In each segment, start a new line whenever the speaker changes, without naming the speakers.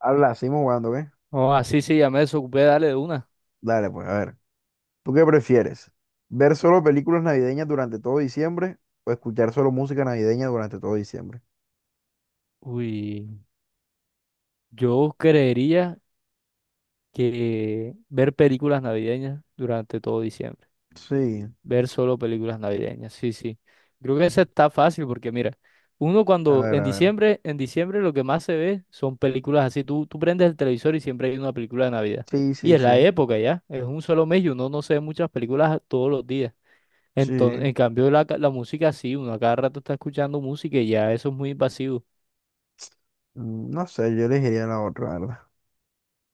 Habla, seguimos jugando, ¿qué?
Oh, así sí, sí, ya me desocupé, dale de una.
Dale, pues, a ver. ¿Tú qué prefieres? ¿Ver solo películas navideñas durante todo diciembre o escuchar solo música navideña durante todo diciembre?
Uy, yo creería que ver películas navideñas durante todo diciembre.
Sí,
Ver solo películas navideñas, sí, sí. Creo que esa está fácil porque mira, uno
a
cuando
ver, a ver.
en diciembre lo que más se ve son películas así. Tú prendes el televisor y siempre hay una película de Navidad.
Sí,
Y
sí,
es la
sí.
época ya, es un solo mes y uno no se ve muchas películas todos los días. Entonces,
Sí.
en cambio la música sí, uno a cada rato está escuchando música y ya eso es muy invasivo.
No sé, yo elegiría la otra, la ¿verdad?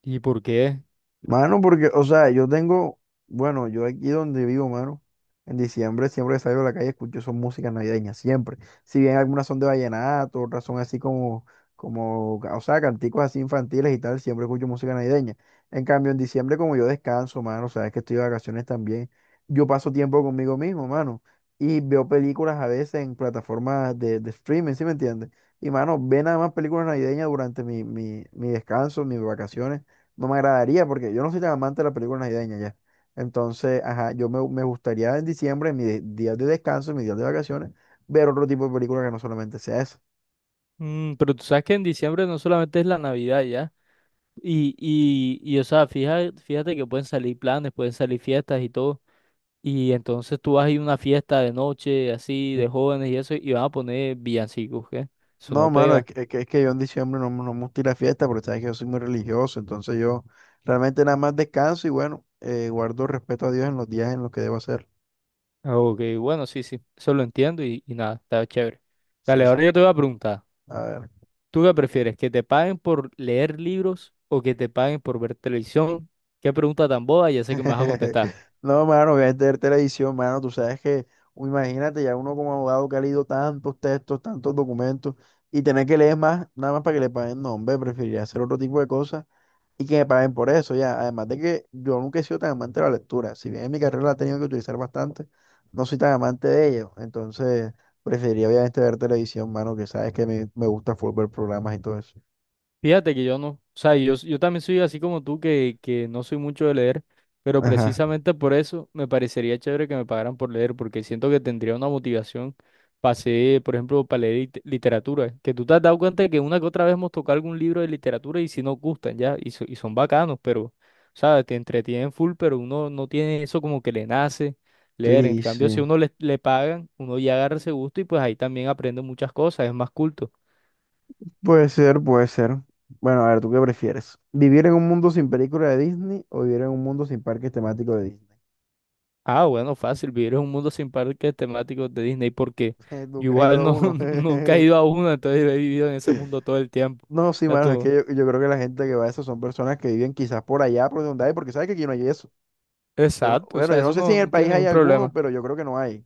¿Y por qué?
Mano, porque, o sea, yo tengo, bueno, yo aquí donde vivo, mano, en diciembre siempre que salgo a la calle escucho son músicas navideñas, siempre. Si bien algunas son de vallenato, otras son así como, o sea, canticos así infantiles y tal, siempre escucho música navideña. En cambio, en diciembre como yo descanso, mano, o sea, es que estoy de vacaciones también, yo paso tiempo conmigo mismo, mano, y veo películas a veces en plataformas de streaming, ¿sí me entiendes? Y, mano, ve nada más películas navideñas durante mi descanso, mis vacaciones no me agradaría porque yo no soy tan amante de las películas navideñas ya. Entonces, ajá, yo me gustaría en diciembre, en mis días de descanso, en mis días de vacaciones, ver otro tipo de película que no solamente sea eso.
Mm, pero tú sabes que en diciembre no solamente es la Navidad ya. Y o sea, fíjate que pueden salir planes, pueden salir fiestas y todo. Y entonces tú vas a ir a una fiesta de noche, así, de jóvenes y eso, y van a poner villancicos, ¿qué? Eso
No,
no
mano, es
pega.
que, es que, es que yo en diciembre no, no me gusta ir a fiesta porque sabes que yo soy muy religioso, entonces yo realmente nada más descanso y bueno, guardo respeto a Dios en los días en los que debo hacer.
Ah, ok, bueno, sí, sí, eso lo entiendo y nada, está chévere. Dale,
Sí,
ahora
sí.
yo te voy a preguntar,
A ver.
¿tú qué prefieres? ¿Que te paguen por leer libros o que te paguen por ver televisión? Qué pregunta tan boba, ya sé que me vas a contestar.
No, mano, obviamente ver televisión, mano. Tú sabes que, imagínate, ya uno como abogado que ha leído tantos textos, tantos documentos, y tener que leer más, nada más para que le paguen. No, hombre, preferiría hacer otro tipo de cosas y que me paguen por eso, ya. Además de que yo nunca he sido tan amante de la lectura. Si bien en mi carrera la he tenido que utilizar bastante, no soy tan amante de ello. Entonces, preferiría obviamente ver televisión, mano, que sabes que me gusta full ver programas y todo eso.
Fíjate que yo no, o sea, yo también soy así como tú, que no soy mucho de leer, pero
Ajá.
precisamente por eso me parecería chévere que me pagaran por leer, porque siento que tendría una motivación. Para hacer, por ejemplo, para leer literatura, que tú te has dado cuenta de que una que otra vez hemos tocado algún libro de literatura y si nos gustan ya, y, y son bacanos, pero, ¿sabes? Te entretienen full, pero uno no tiene eso como que le nace leer. En
Sí,
cambio, si
sí.
uno le pagan, uno ya agarra ese gusto y pues ahí también aprende muchas cosas, es más culto.
Puede ser, puede ser. Bueno, a ver, ¿tú qué prefieres? ¿Vivir en un mundo sin película de Disney o vivir en un mundo sin parques temáticos de Disney?
Ah, bueno, fácil, vivir en un mundo sin parques temáticos de Disney, porque yo
Nunca he ido
igual
a
no,
uno.
nunca he ido a uno, entonces he vivido en ese mundo todo el tiempo.
No, sí,
Ya
mano, es que
tú.
yo creo que la gente que va a eso son personas que viven quizás por allá, por donde hay, porque sabes que aquí no hay eso. Yo no,
Exacto, o
bueno,
sea,
yo no
eso
sé si
no,
en el
no tiene
país hay
ningún
alguno,
problema.
pero yo creo que no hay.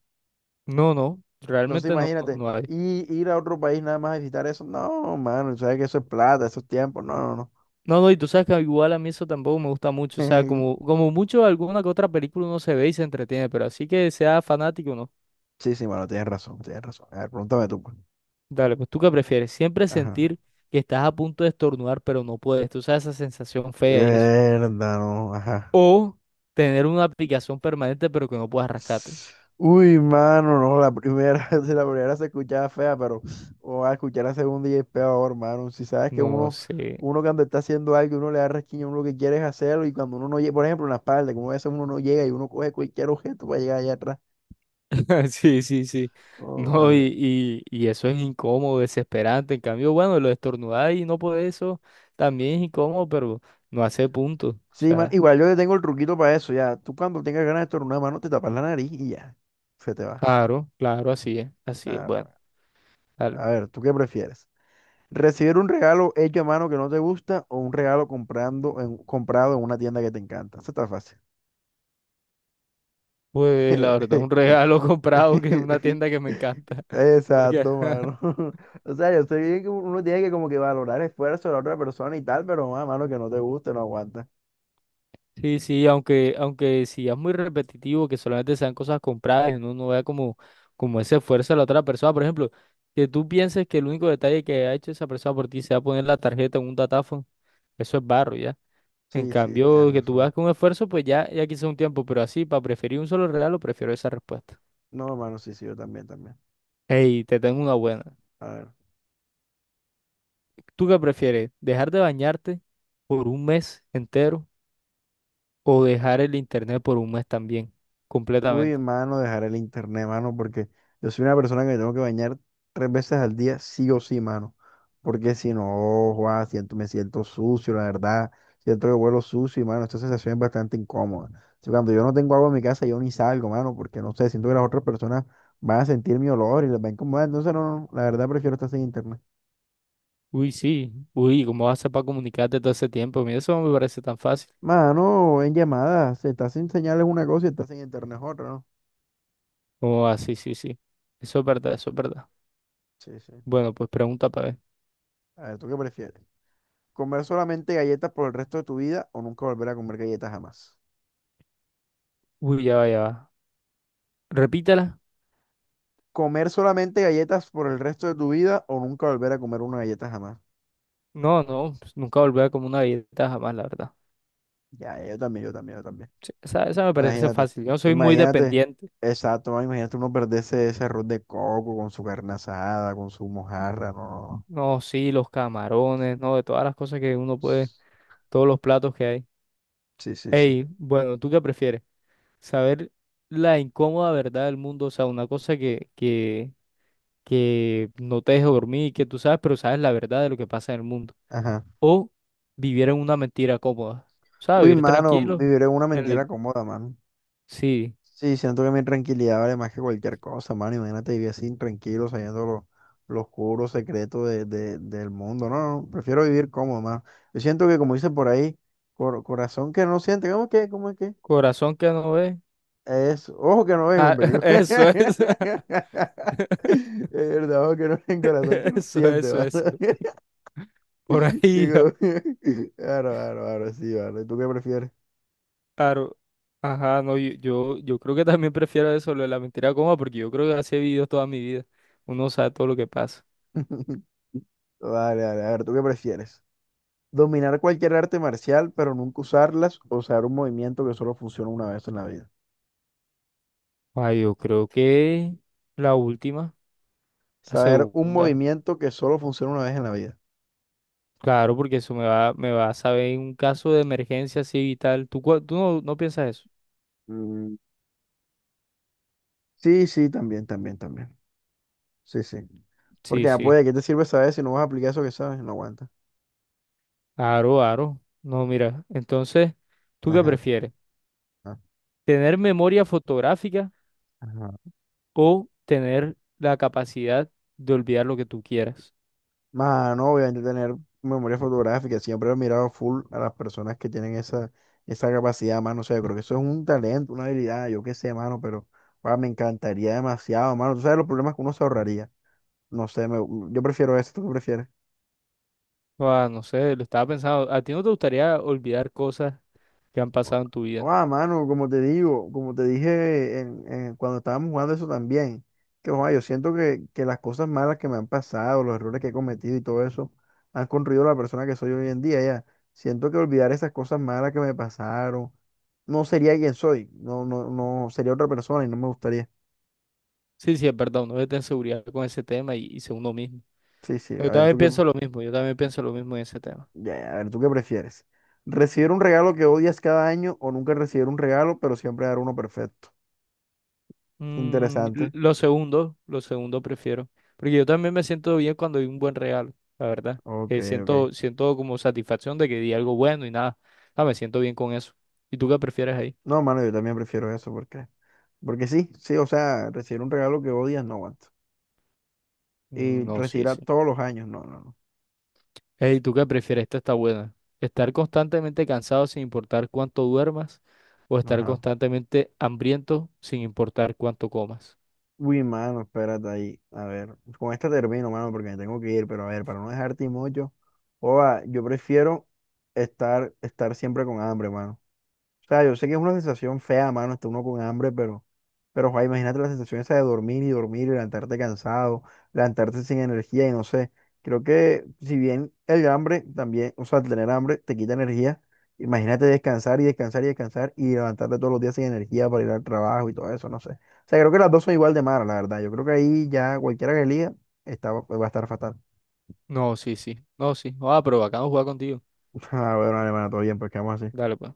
No, no,
Entonces,
realmente no,
imagínate,
no hay.
y ir a otro país nada más a visitar eso. No, mano, sabes que eso es plata, esos tiempos. No, no,
No, no, y tú sabes que igual a mí eso tampoco me gusta mucho, o sea,
no.
como, como mucho alguna que otra película uno se ve y se entretiene, pero así que sea fanático, no.
Sí, sí, mano, tienes razón, tienes razón. A ver, pregúntame tú, pues.
Dale, pues tú qué prefieres, siempre
Ajá.
sentir que estás a punto de estornudar, pero no puedes, tú sabes esa sensación fea y eso.
Mierda, no, ajá.
O tener una aplicación permanente pero que no puedas rescate.
Uy, mano, no, la primera, si la primera se escuchaba fea, pero o a escuchar la segunda y es peor, hermano. Si sabes que
No
uno,
sé.
uno cuando está haciendo algo, uno le da resquiño, uno lo que quiere es hacerlo, y cuando uno no llega, por ejemplo, en la espalda, como a veces uno no llega y uno coge cualquier objeto para llegar allá atrás.
Sí, sí, sí.
Oh,
No, y,
eh,
y, y eso es incómodo, desesperante. En cambio, bueno, lo de estornudar y no poder eso también es incómodo, pero no hace punto. O
sí, man,
sea,
igual yo le tengo el truquito para eso, ya. Tú cuando tengas ganas de estornudar, mano, te tapas la nariz y ya, se te va.
claro, claro, así es. Así es.
Ah,
Bueno,
no,
dale.
a ver, ¿tú qué prefieres? Recibir un regalo hecho a mano que no te gusta o un regalo comprado en una tienda que te encanta. Eso está fácil.
Pues la verdad, un regalo comprado que en una tienda que me encanta. Porque
Exacto, mano. O sea, yo estoy bien que uno tiene que como que valorar esfuerzo de la otra persona y tal, pero mano, que no te guste, no aguanta.
sí, sí, aunque, aunque si es muy repetitivo, que solamente sean cosas compradas y uno no vea como, como ese esfuerzo de la otra persona. Por ejemplo, que tú pienses que el único detalle que ha hecho esa persona por ti sea poner la tarjeta en un datáfono, eso es barro, ¿ya? En
Sí, sí, tienes
cambio, que tú veas
razón.
con esfuerzo, pues ya, ya quizá un tiempo, pero así, para preferir un solo regalo, prefiero esa respuesta.
No, mano, sí, sí, yo también, también.
Hey, te tengo una buena.
A ver.
¿Tú qué prefieres? ¿Dejar de bañarte por un mes entero o dejar el internet por un mes también,
Uy,
completamente?
mano, dejar el internet, mano, porque yo soy una persona que me tengo que bañar tres veces al día, sí o sí, mano. Porque si no, Juan, siento, me siento sucio, la verdad. Siento que vuelo sucio y, mano, esta sensación es bastante incómoda. O sea, cuando yo no tengo agua en mi casa, yo ni salgo, mano, porque no sé, siento que las otras personas van a sentir mi olor y les va a incomodar. Entonces, no, no, la verdad prefiero estar sin internet.
Uy, sí. Uy, ¿cómo vas a para comunicarte todo ese tiempo? Mira, eso no me parece tan fácil.
Mano, en llamadas, si estás sin señales una cosa y estás sin internet es otra, ¿no?
Oh, ah, sí, sí, sí. Eso es verdad, eso es verdad.
Sí, sí.
Bueno, pues pregunta para ver.
A ver, ¿tú qué prefieres? ¿Comer solamente galletas por el resto de tu vida o nunca volver a comer galletas jamás?
Uy, ya va, ya va. Repítala.
¿Comer solamente galletas por el resto de tu vida o nunca volver a comer una galleta jamás?
No, no, pues nunca volver como una dieta jamás, la verdad.
Ya, ya, yo también, yo también, yo también.
Sí, esa me parece
Imagínate,
fácil. Yo soy muy
imagínate,
dependiente.
exacto, man, imagínate uno perderse ese arroz de coco con su carne asada, con su mojarra, no, no, no.
No, sí, los camarones, no, de todas las cosas que uno puede, todos los platos que hay.
Sí, sí, sí.
Ey, bueno, ¿tú qué prefieres? Saber la incómoda verdad del mundo, o sea, una cosa que no te deje dormir, que tú sabes, pero sabes la verdad de lo que pasa en el mundo.
Ajá.
O vivir en una mentira cómoda. ¿Sabes?
Uy,
Vivir
mano,
tranquilo.
vivir en una
en la-
mentira cómoda, mano.
Sí,
Sí, siento que mi tranquilidad vale más que cualquier cosa, mano. Imagínate vivir así tranquilo, sabiendo lo, los oscuro, secretos del mundo. No, no, prefiero vivir cómodo, mano. Yo siento que, como dice por ahí, corazón que no siente, ¿cómo es que? ¿Cómo es que?
corazón que no ve.
Es ojo que no ven,
Ah,
hombre.
eso es.
Es verdad, ojo que no ven, corazón que no
Eso,
siente,
eso,
mano.
eso. Por ahí,
Digo, claro, claro, claro, sí, vale. ¿Tú qué prefieres?
claro. Ajá, no, yo creo que también prefiero eso, lo de la mentira cómoda, porque yo creo que así he vivido toda mi vida. Uno sabe todo lo que pasa.
Vale, vale, a ver, ¿tú qué prefieres? Dominar cualquier arte marcial, pero nunca usarlas, o saber un movimiento que solo funciona una vez en la vida.
Ah, yo creo que la última, la
Saber un
segunda.
movimiento que solo funciona una vez en la vida.
Claro, porque eso me va a saber en un caso de emergencia así vital. Tú, tú no, ¿no piensas eso?
Mm, Sí, sí, también, también, también. Sí, sí. Porque
Sí,
ya
sí.
puede, ¿qué te sirve saber si no vas a aplicar eso que sabes? No aguanta.
Aro, aro. No, mira. Entonces, ¿tú qué
Ajá.
prefieres?
Ajá.
¿Tener memoria fotográfica
Ajá.
o tener la capacidad de olvidar lo que tú quieras?
Mano, obviamente tener memoria fotográfica. Siempre he mirado full a las personas que tienen esa, esa capacidad, mano. O sea, yo creo que eso es un talento, una habilidad, yo qué sé, mano, pero ah, me encantaría demasiado, mano. Tú sabes los problemas que uno se ahorraría. No sé, yo prefiero eso, ¿tú qué prefieres?
Ah, no sé, lo estaba pensando. ¿A ti no te gustaría olvidar cosas que han pasado en tu vida?
Ah, mano, como te digo, como te dije cuando estábamos jugando eso también, que joa, yo siento que las cosas malas que me han pasado, los errores que he cometido y todo eso, han construido la persona que soy hoy en día, ya. Siento que olvidar esas cosas malas que me pasaron, no sería quien soy, no, no, no, sería otra persona y no me gustaría.
Sí, sí, es verdad. Uno debe tener seguridad con ese tema y ser uno mismo.
Sí, sí, a
Yo
ver,
también
¿tú qué,
pienso lo mismo. Yo también pienso lo mismo en ese tema.
ya, a ver, ¿tú qué prefieres? ¿Recibir un regalo que odias cada año o nunca recibir un regalo, pero siempre dar uno perfecto?
Mm,
Interesante.
lo segundo prefiero. Porque yo también me siento bien cuando hay un buen regalo, la verdad.
Ok, ok.
Siento, siento como satisfacción de que di algo bueno y nada. Ah, me siento bien con eso. ¿Y tú qué prefieres ahí?
No, mano, yo también prefiero eso porque, porque sí, sí, o sea, recibir un regalo que odias no aguanto. Y
Mm, no, sí,
recibirá
sí.
todos los años, no, no,
Ey, ¿tú qué prefieres? Esta está buena. ¿Estar constantemente cansado sin importar cuánto duermas? ¿O
no.
estar
Ajá.
constantemente hambriento sin importar cuánto comas?
Uy, mano, espérate ahí. A ver, con esta termino, mano, porque me tengo que ir, pero a ver, para no dejarte mucho, oa, yo prefiero estar siempre con hambre, mano. O sea, yo sé que es una sensación fea, mano, está uno con hambre, pero, joder, imagínate la sensación esa de dormir y dormir y levantarte cansado, levantarte sin energía y no sé. Creo que si bien el hambre también, o sea, el tener hambre te quita energía, imagínate descansar y descansar y descansar y levantarte todos los días sin energía para ir al trabajo y todo eso, no sé. O sea, creo que las dos son igual de malas, la verdad. Yo creo que ahí ya cualquiera que elija está, va a estar fatal.
No, sí, sí. No, sí. Ah, pero bacano jugar contigo.
Ah, bueno, hermano, todo bien, pues quedamos así.
Dale, pues.